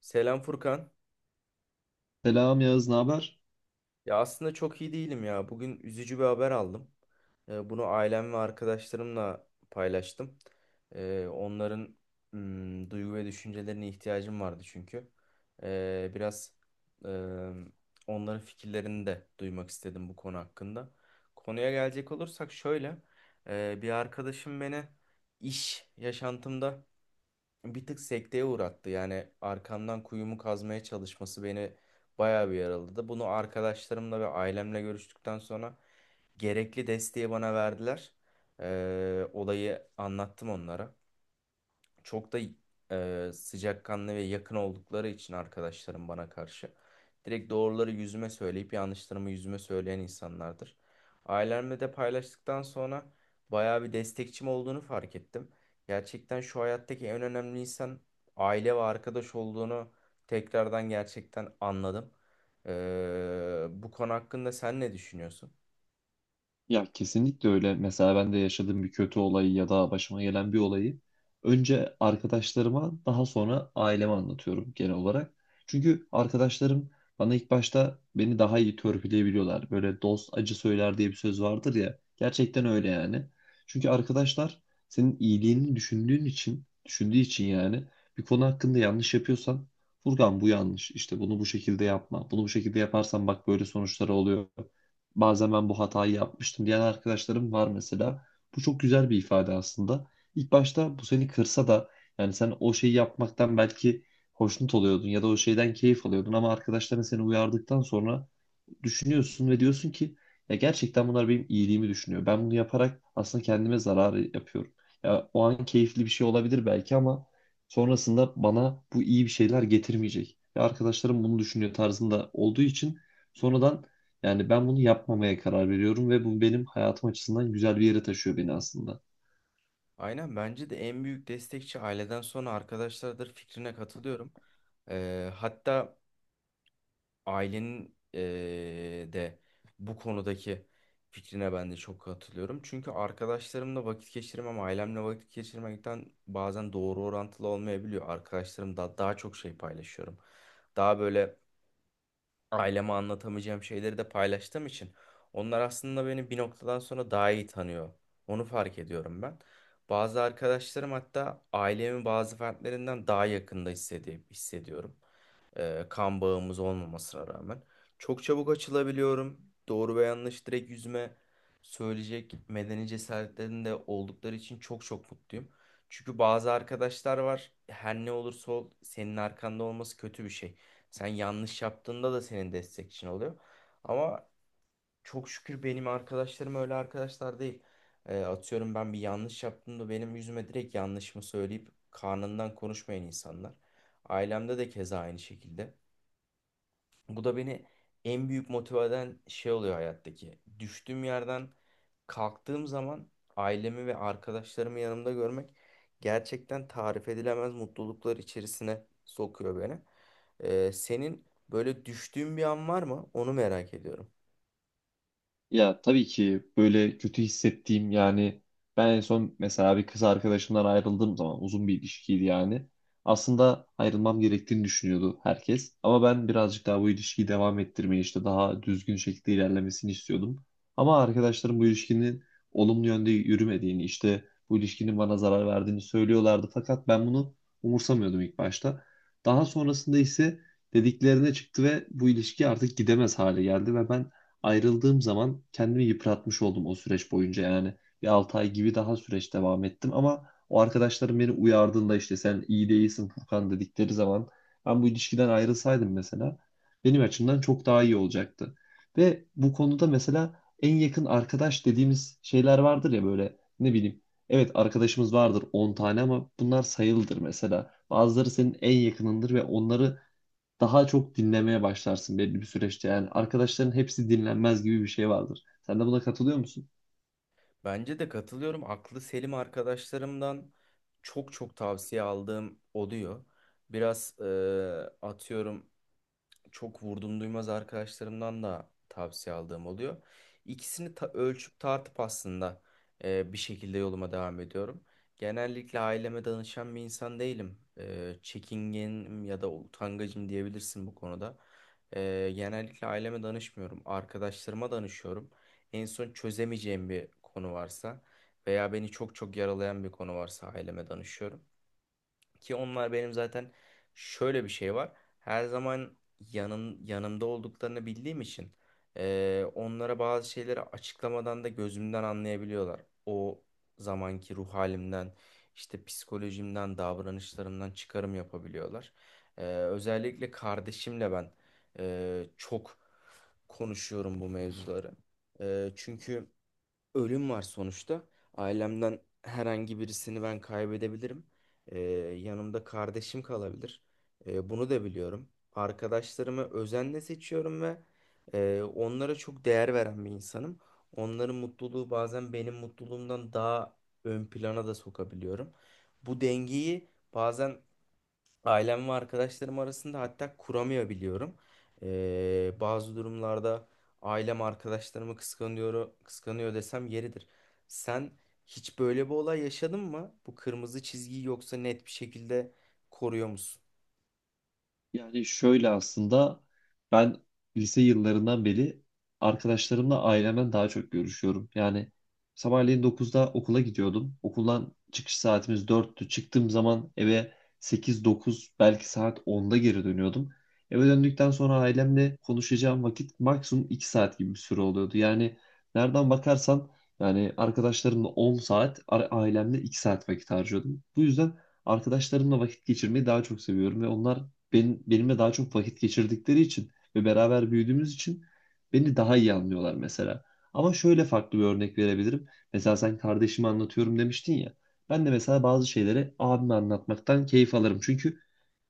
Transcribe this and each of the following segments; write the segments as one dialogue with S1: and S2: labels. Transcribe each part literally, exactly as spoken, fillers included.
S1: Selam Furkan.
S2: Selam Yağız, ne haber?
S1: Ya aslında çok iyi değilim ya. Bugün üzücü bir haber aldım. Ee, bunu ailem ve arkadaşlarımla paylaştım. Ee, onların mm, duygu ve düşüncelerine ihtiyacım vardı çünkü. Ee, biraz e, onların fikirlerini de duymak istedim bu konu hakkında. Konuya gelecek olursak şöyle. E, bir arkadaşım beni iş yaşantımda bir tık sekteye uğrattı. Yani arkamdan kuyumu kazmaya çalışması beni bayağı bir yaraladı. Bunu arkadaşlarımla ve ailemle görüştükten sonra gerekli desteği bana verdiler. Ee, olayı anlattım onlara çok da e, sıcakkanlı ve yakın oldukları için arkadaşlarım bana karşı direkt doğruları yüzüme söyleyip yanlışlarımı yüzüme söyleyen insanlardır. Ailemle de paylaştıktan sonra bayağı bir destekçim olduğunu fark ettim. Gerçekten şu hayattaki en önemli insan aile ve arkadaş olduğunu tekrardan gerçekten anladım. Ee, bu konu hakkında sen ne düşünüyorsun?
S2: Ya, kesinlikle öyle. Mesela ben de yaşadığım bir kötü olayı ya da başıma gelen bir olayı önce arkadaşlarıma, daha sonra aileme anlatıyorum genel olarak. Çünkü arkadaşlarım bana ilk başta beni daha iyi törpüleyebiliyorlar. Böyle dost acı söyler diye bir söz vardır ya. Gerçekten öyle yani. Çünkü arkadaşlar senin iyiliğini düşündüğün için, düşündüğü için, yani bir konu hakkında yanlış yapıyorsan, Furkan bu yanlış. İşte bunu bu şekilde yapma. Bunu bu şekilde yaparsan bak böyle sonuçları oluyor. Bazen ben bu hatayı yapmıştım diyen arkadaşlarım var mesela. Bu çok güzel bir ifade aslında. İlk başta bu seni kırsa da, yani sen o şeyi yapmaktan belki hoşnut oluyordun ya da o şeyden keyif alıyordun, ama arkadaşların seni uyardıktan sonra düşünüyorsun ve diyorsun ki, ya gerçekten bunlar benim iyiliğimi düşünüyor. Ben bunu yaparak aslında kendime zarar yapıyorum. Ya, o an keyifli bir şey olabilir belki, ama sonrasında bana bu iyi bir şeyler getirmeyecek. Ya, arkadaşlarım bunu düşünüyor tarzında olduğu için sonradan, yani ben bunu yapmamaya karar veriyorum ve bu benim hayatım açısından güzel bir yere taşıyor beni aslında.
S1: Aynen, bence de en büyük destekçi aileden sonra arkadaşlardır fikrine katılıyorum. Ee, hatta ailenin eee, de bu konudaki fikrine ben de çok katılıyorum. Çünkü arkadaşlarımla vakit geçirmem, ailemle vakit geçirmekten bazen doğru orantılı olmayabiliyor. Arkadaşlarım da daha çok şey paylaşıyorum. Daha böyle aileme anlatamayacağım şeyleri de paylaştığım için onlar aslında beni bir noktadan sonra daha iyi tanıyor. Onu fark ediyorum ben. Bazı arkadaşlarım hatta ailemin bazı fertlerinden daha yakında hissedi- hissediyorum, e, kan bağımız olmamasına rağmen. Çok çabuk açılabiliyorum. Doğru ve yanlış direkt yüzüme söyleyecek medeni cesaretlerinde oldukları için çok çok mutluyum. Çünkü bazı arkadaşlar var. Her ne olursa ol senin arkanda olması kötü bir şey. Sen yanlış yaptığında da senin destekçin oluyor. Ama çok şükür benim arkadaşlarım öyle arkadaşlar değil. E, atıyorum, ben bir yanlış yaptığımda benim yüzüme direkt yanlışımı söyleyip karnından konuşmayan insanlar. Ailemde de keza aynı şekilde. Bu da beni en büyük motive eden şey oluyor hayattaki. Düştüğüm yerden kalktığım zaman ailemi ve arkadaşlarımı yanımda görmek gerçekten tarif edilemez mutluluklar içerisine sokuyor beni. Ee, senin böyle düştüğün bir an var mı? Onu merak ediyorum.
S2: Ya, tabii ki. Böyle kötü hissettiğim, yani ben en son mesela bir kız arkadaşımdan ayrıldığım zaman, uzun bir ilişkiydi yani. Aslında ayrılmam gerektiğini düşünüyordu herkes. Ama ben birazcık daha bu ilişkiyi devam ettirmeyi, işte daha düzgün şekilde ilerlemesini istiyordum. Ama arkadaşlarım bu ilişkinin olumlu yönde yürümediğini, işte bu ilişkinin bana zarar verdiğini söylüyorlardı. Fakat ben bunu umursamıyordum ilk başta. Daha sonrasında ise dediklerine çıktı ve bu ilişki artık gidemez hale geldi ve ben ayrıldığım zaman kendimi yıpratmış oldum o süreç boyunca yani. Bir altı ay gibi daha süreç devam ettim, ama o arkadaşlarım beni uyardığında, işte sen iyi değilsin Furkan dedikleri zaman, ben bu ilişkiden ayrılsaydım mesela, benim açımdan çok daha iyi olacaktı. Ve bu konuda mesela en yakın arkadaş dediğimiz şeyler vardır ya, böyle ne bileyim. Evet, arkadaşımız vardır on tane, ama bunlar sayılıdır mesela. Bazıları senin en yakınındır ve onları daha çok dinlemeye başlarsın belli bir süreçte. Yani arkadaşların hepsi dinlenmez gibi bir şey vardır. Sen de buna katılıyor musun?
S1: Bence de katılıyorum. Aklı selim arkadaşlarımdan çok çok tavsiye aldığım oluyor. Biraz e, atıyorum, çok vurdum duymaz arkadaşlarımdan da tavsiye aldığım oluyor. İkisini ta- ölçüp tartıp aslında e, bir şekilde yoluma devam ediyorum. Genellikle aileme danışan bir insan değilim. E, çekingenim ya da utangacım diyebilirsin bu konuda. E, genellikle aileme danışmıyorum. Arkadaşlarıma danışıyorum. En son çözemeyeceğim bir konu varsa veya beni çok çok yaralayan bir konu varsa aileme danışıyorum. Ki onlar benim zaten şöyle bir şey var. Her zaman yanım, yanımda olduklarını bildiğim için eee, onlara bazı şeyleri açıklamadan da gözümden anlayabiliyorlar. O zamanki ruh halimden, işte psikolojimden, davranışlarımdan çıkarım yapabiliyorlar. Eee, özellikle kardeşimle ben eee, çok konuşuyorum bu mevzuları. Eee, çünkü ölüm var sonuçta. Ailemden herhangi birisini ben kaybedebilirim. Ee, Yanımda kardeşim kalabilir. Ee, bunu da biliyorum. Arkadaşlarımı özenle seçiyorum ve e, onlara çok değer veren bir insanım. Onların mutluluğu bazen benim mutluluğumdan daha ön plana da sokabiliyorum. Bu dengeyi bazen ailem ve arkadaşlarım arasında hatta kuramıyor biliyorum. Ee, bazı durumlarda ailem arkadaşlarımı kıskanıyor, kıskanıyor desem yeridir. Sen hiç böyle bir olay yaşadın mı? Bu kırmızı çizgiyi yoksa net bir şekilde koruyor musun?
S2: Yani şöyle aslında, ben lise yıllarından beri arkadaşlarımla ailemden daha çok görüşüyorum. Yani sabahleyin dokuzda okula gidiyordum. Okuldan çıkış saatimiz dörttü. Çıktığım zaman eve sekiz dokuz, belki saat onda geri dönüyordum. Eve döndükten sonra ailemle konuşacağım vakit maksimum iki saat gibi bir süre oluyordu. Yani nereden bakarsan, yani arkadaşlarımla on saat, a- ailemle iki saat vakit harcıyordum. Bu yüzden arkadaşlarımla vakit geçirmeyi daha çok seviyorum ve onlar benim, benimle daha çok vakit geçirdikleri için ve beraber büyüdüğümüz için beni daha iyi anlıyorlar mesela. Ama şöyle farklı bir örnek verebilirim. Mesela sen kardeşimi anlatıyorum demiştin ya. Ben de mesela bazı şeyleri abime anlatmaktan keyif alırım. Çünkü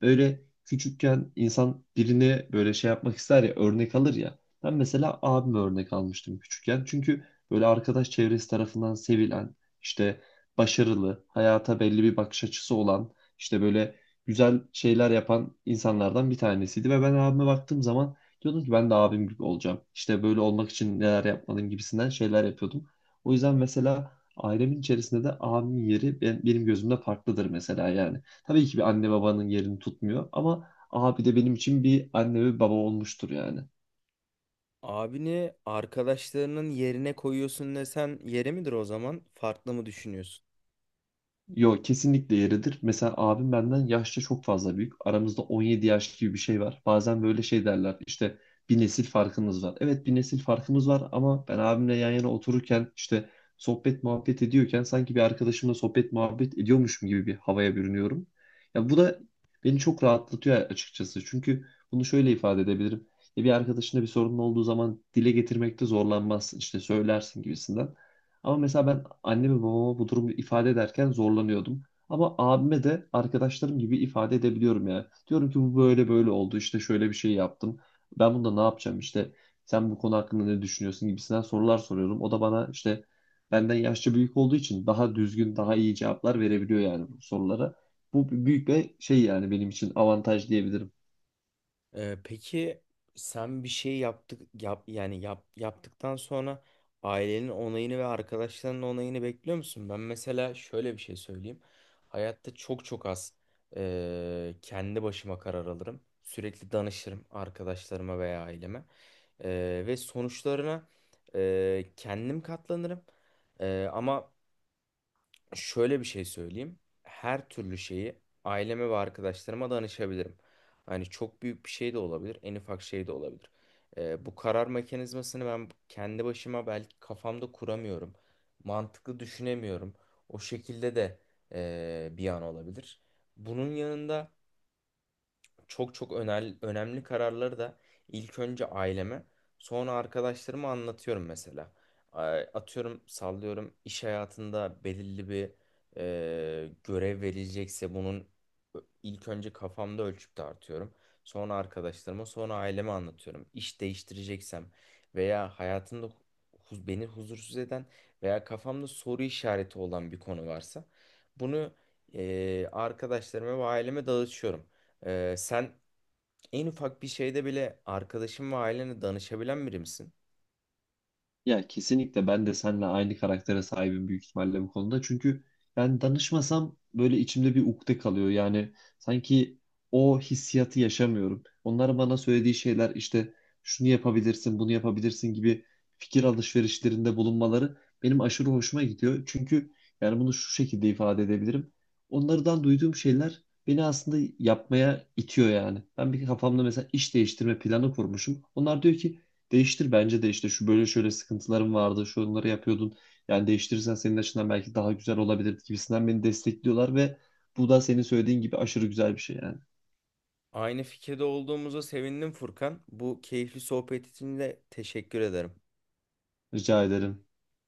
S2: böyle küçükken insan birine böyle şey yapmak ister ya, örnek alır ya. Ben mesela abime örnek almıştım küçükken. Çünkü böyle arkadaş çevresi tarafından sevilen, işte başarılı, hayata belli bir bakış açısı olan, işte böyle güzel şeyler yapan insanlardan bir tanesiydi ve ben abime baktığım zaman diyordum ki ben de abim gibi olacağım. İşte böyle olmak için neler yapmalıyım gibisinden şeyler yapıyordum. O yüzden mesela ailemin içerisinde de abimin yeri ben- benim gözümde farklıdır mesela yani. Tabii ki bir anne babanın yerini tutmuyor, ama abi de benim için bir anne ve baba olmuştur yani.
S1: Abini arkadaşlarının yerine koyuyorsun desen yeri midir o zaman? Farklı mı düşünüyorsun?
S2: Yo, kesinlikle yeridir. Mesela abim benden yaşça çok fazla büyük. Aramızda on yedi yaş gibi bir şey var. Bazen böyle şey derler, işte bir nesil farkımız var. Evet, bir nesil farkımız var, ama ben abimle yan yana otururken, işte sohbet muhabbet ediyorken sanki bir arkadaşımla sohbet muhabbet ediyormuşum gibi bir havaya bürünüyorum. Ya, bu da beni çok rahatlatıyor açıkçası. Çünkü bunu şöyle ifade edebilirim. Ya, bir arkadaşında bir sorunun olduğu zaman dile getirmekte zorlanmazsın. İşte söylersin gibisinden. Ama mesela ben anneme babama bu durumu ifade ederken zorlanıyordum. Ama abime de arkadaşlarım gibi ifade edebiliyorum yani. Diyorum ki bu böyle böyle oldu, işte şöyle bir şey yaptım. Ben bunda ne yapacağım, işte sen bu konu hakkında ne düşünüyorsun gibisinden sorular soruyorum. O da bana, işte benden yaşça büyük olduğu için, daha düzgün daha iyi cevaplar verebiliyor yani bu sorulara. Bu büyük bir şey yani, benim için avantaj diyebilirim.
S1: Ee, peki, sen bir şey yaptık yap yani yap yaptıktan sonra ailenin onayını ve arkadaşlarının onayını bekliyor musun? Ben mesela şöyle bir şey söyleyeyim. Hayatta çok çok az e, kendi başıma karar alırım. Sürekli danışırım arkadaşlarıma veya aileme. E, ve sonuçlarına e, kendim katlanırım. E, ama şöyle bir şey söyleyeyim. Her türlü şeyi aileme ve arkadaşlarıma danışabilirim. Hani çok büyük bir şey de olabilir, en ufak şey de olabilir. Ee, bu karar mekanizmasını ben kendi başıma belki kafamda kuramıyorum. Mantıklı düşünemiyorum. O şekilde de eee, bir an olabilir. Bunun yanında çok çok önemli, önemli kararları da ilk önce aileme, sonra arkadaşlarıma anlatıyorum mesela. A- Atıyorum, sallıyorum, iş hayatında belirli bir e, görev verilecekse bunun ilk önce kafamda ölçüp tartıyorum. Sonra arkadaşlarıma, sonra aileme anlatıyorum. İş değiştireceksem veya hayatımda hu- beni huzursuz eden veya kafamda soru işareti olan bir konu varsa bunu e, arkadaşlarıma ve aileme dağıtıyorum. Ee, sen en ufak bir şeyde bile arkadaşın ve ailene danışabilen biri misin?
S2: Ya, kesinlikle ben de seninle aynı karaktere sahibim, büyük ihtimalle bu konuda. Çünkü ben danışmasam böyle içimde bir ukde kalıyor. Yani sanki o hissiyatı yaşamıyorum. Onlar bana söylediği şeyler, işte şunu yapabilirsin, bunu yapabilirsin gibi fikir alışverişlerinde bulunmaları benim aşırı hoşuma gidiyor. Çünkü yani bunu şu şekilde ifade edebilirim. Onlardan duyduğum şeyler beni aslında yapmaya itiyor yani. Ben bir kafamda mesela iş değiştirme planı kurmuşum. Onlar diyor ki, değiştir bence de, işte şu böyle şöyle sıkıntılarım vardı, şu onları yapıyordun. Yani değiştirirsen senin açından belki daha güzel olabilir gibisinden beni destekliyorlar ve bu da senin söylediğin gibi aşırı güzel bir şey yani.
S1: Aynı fikirde olduğumuza sevindim Furkan. Bu keyifli sohbet için de teşekkür ederim.
S2: Rica ederim.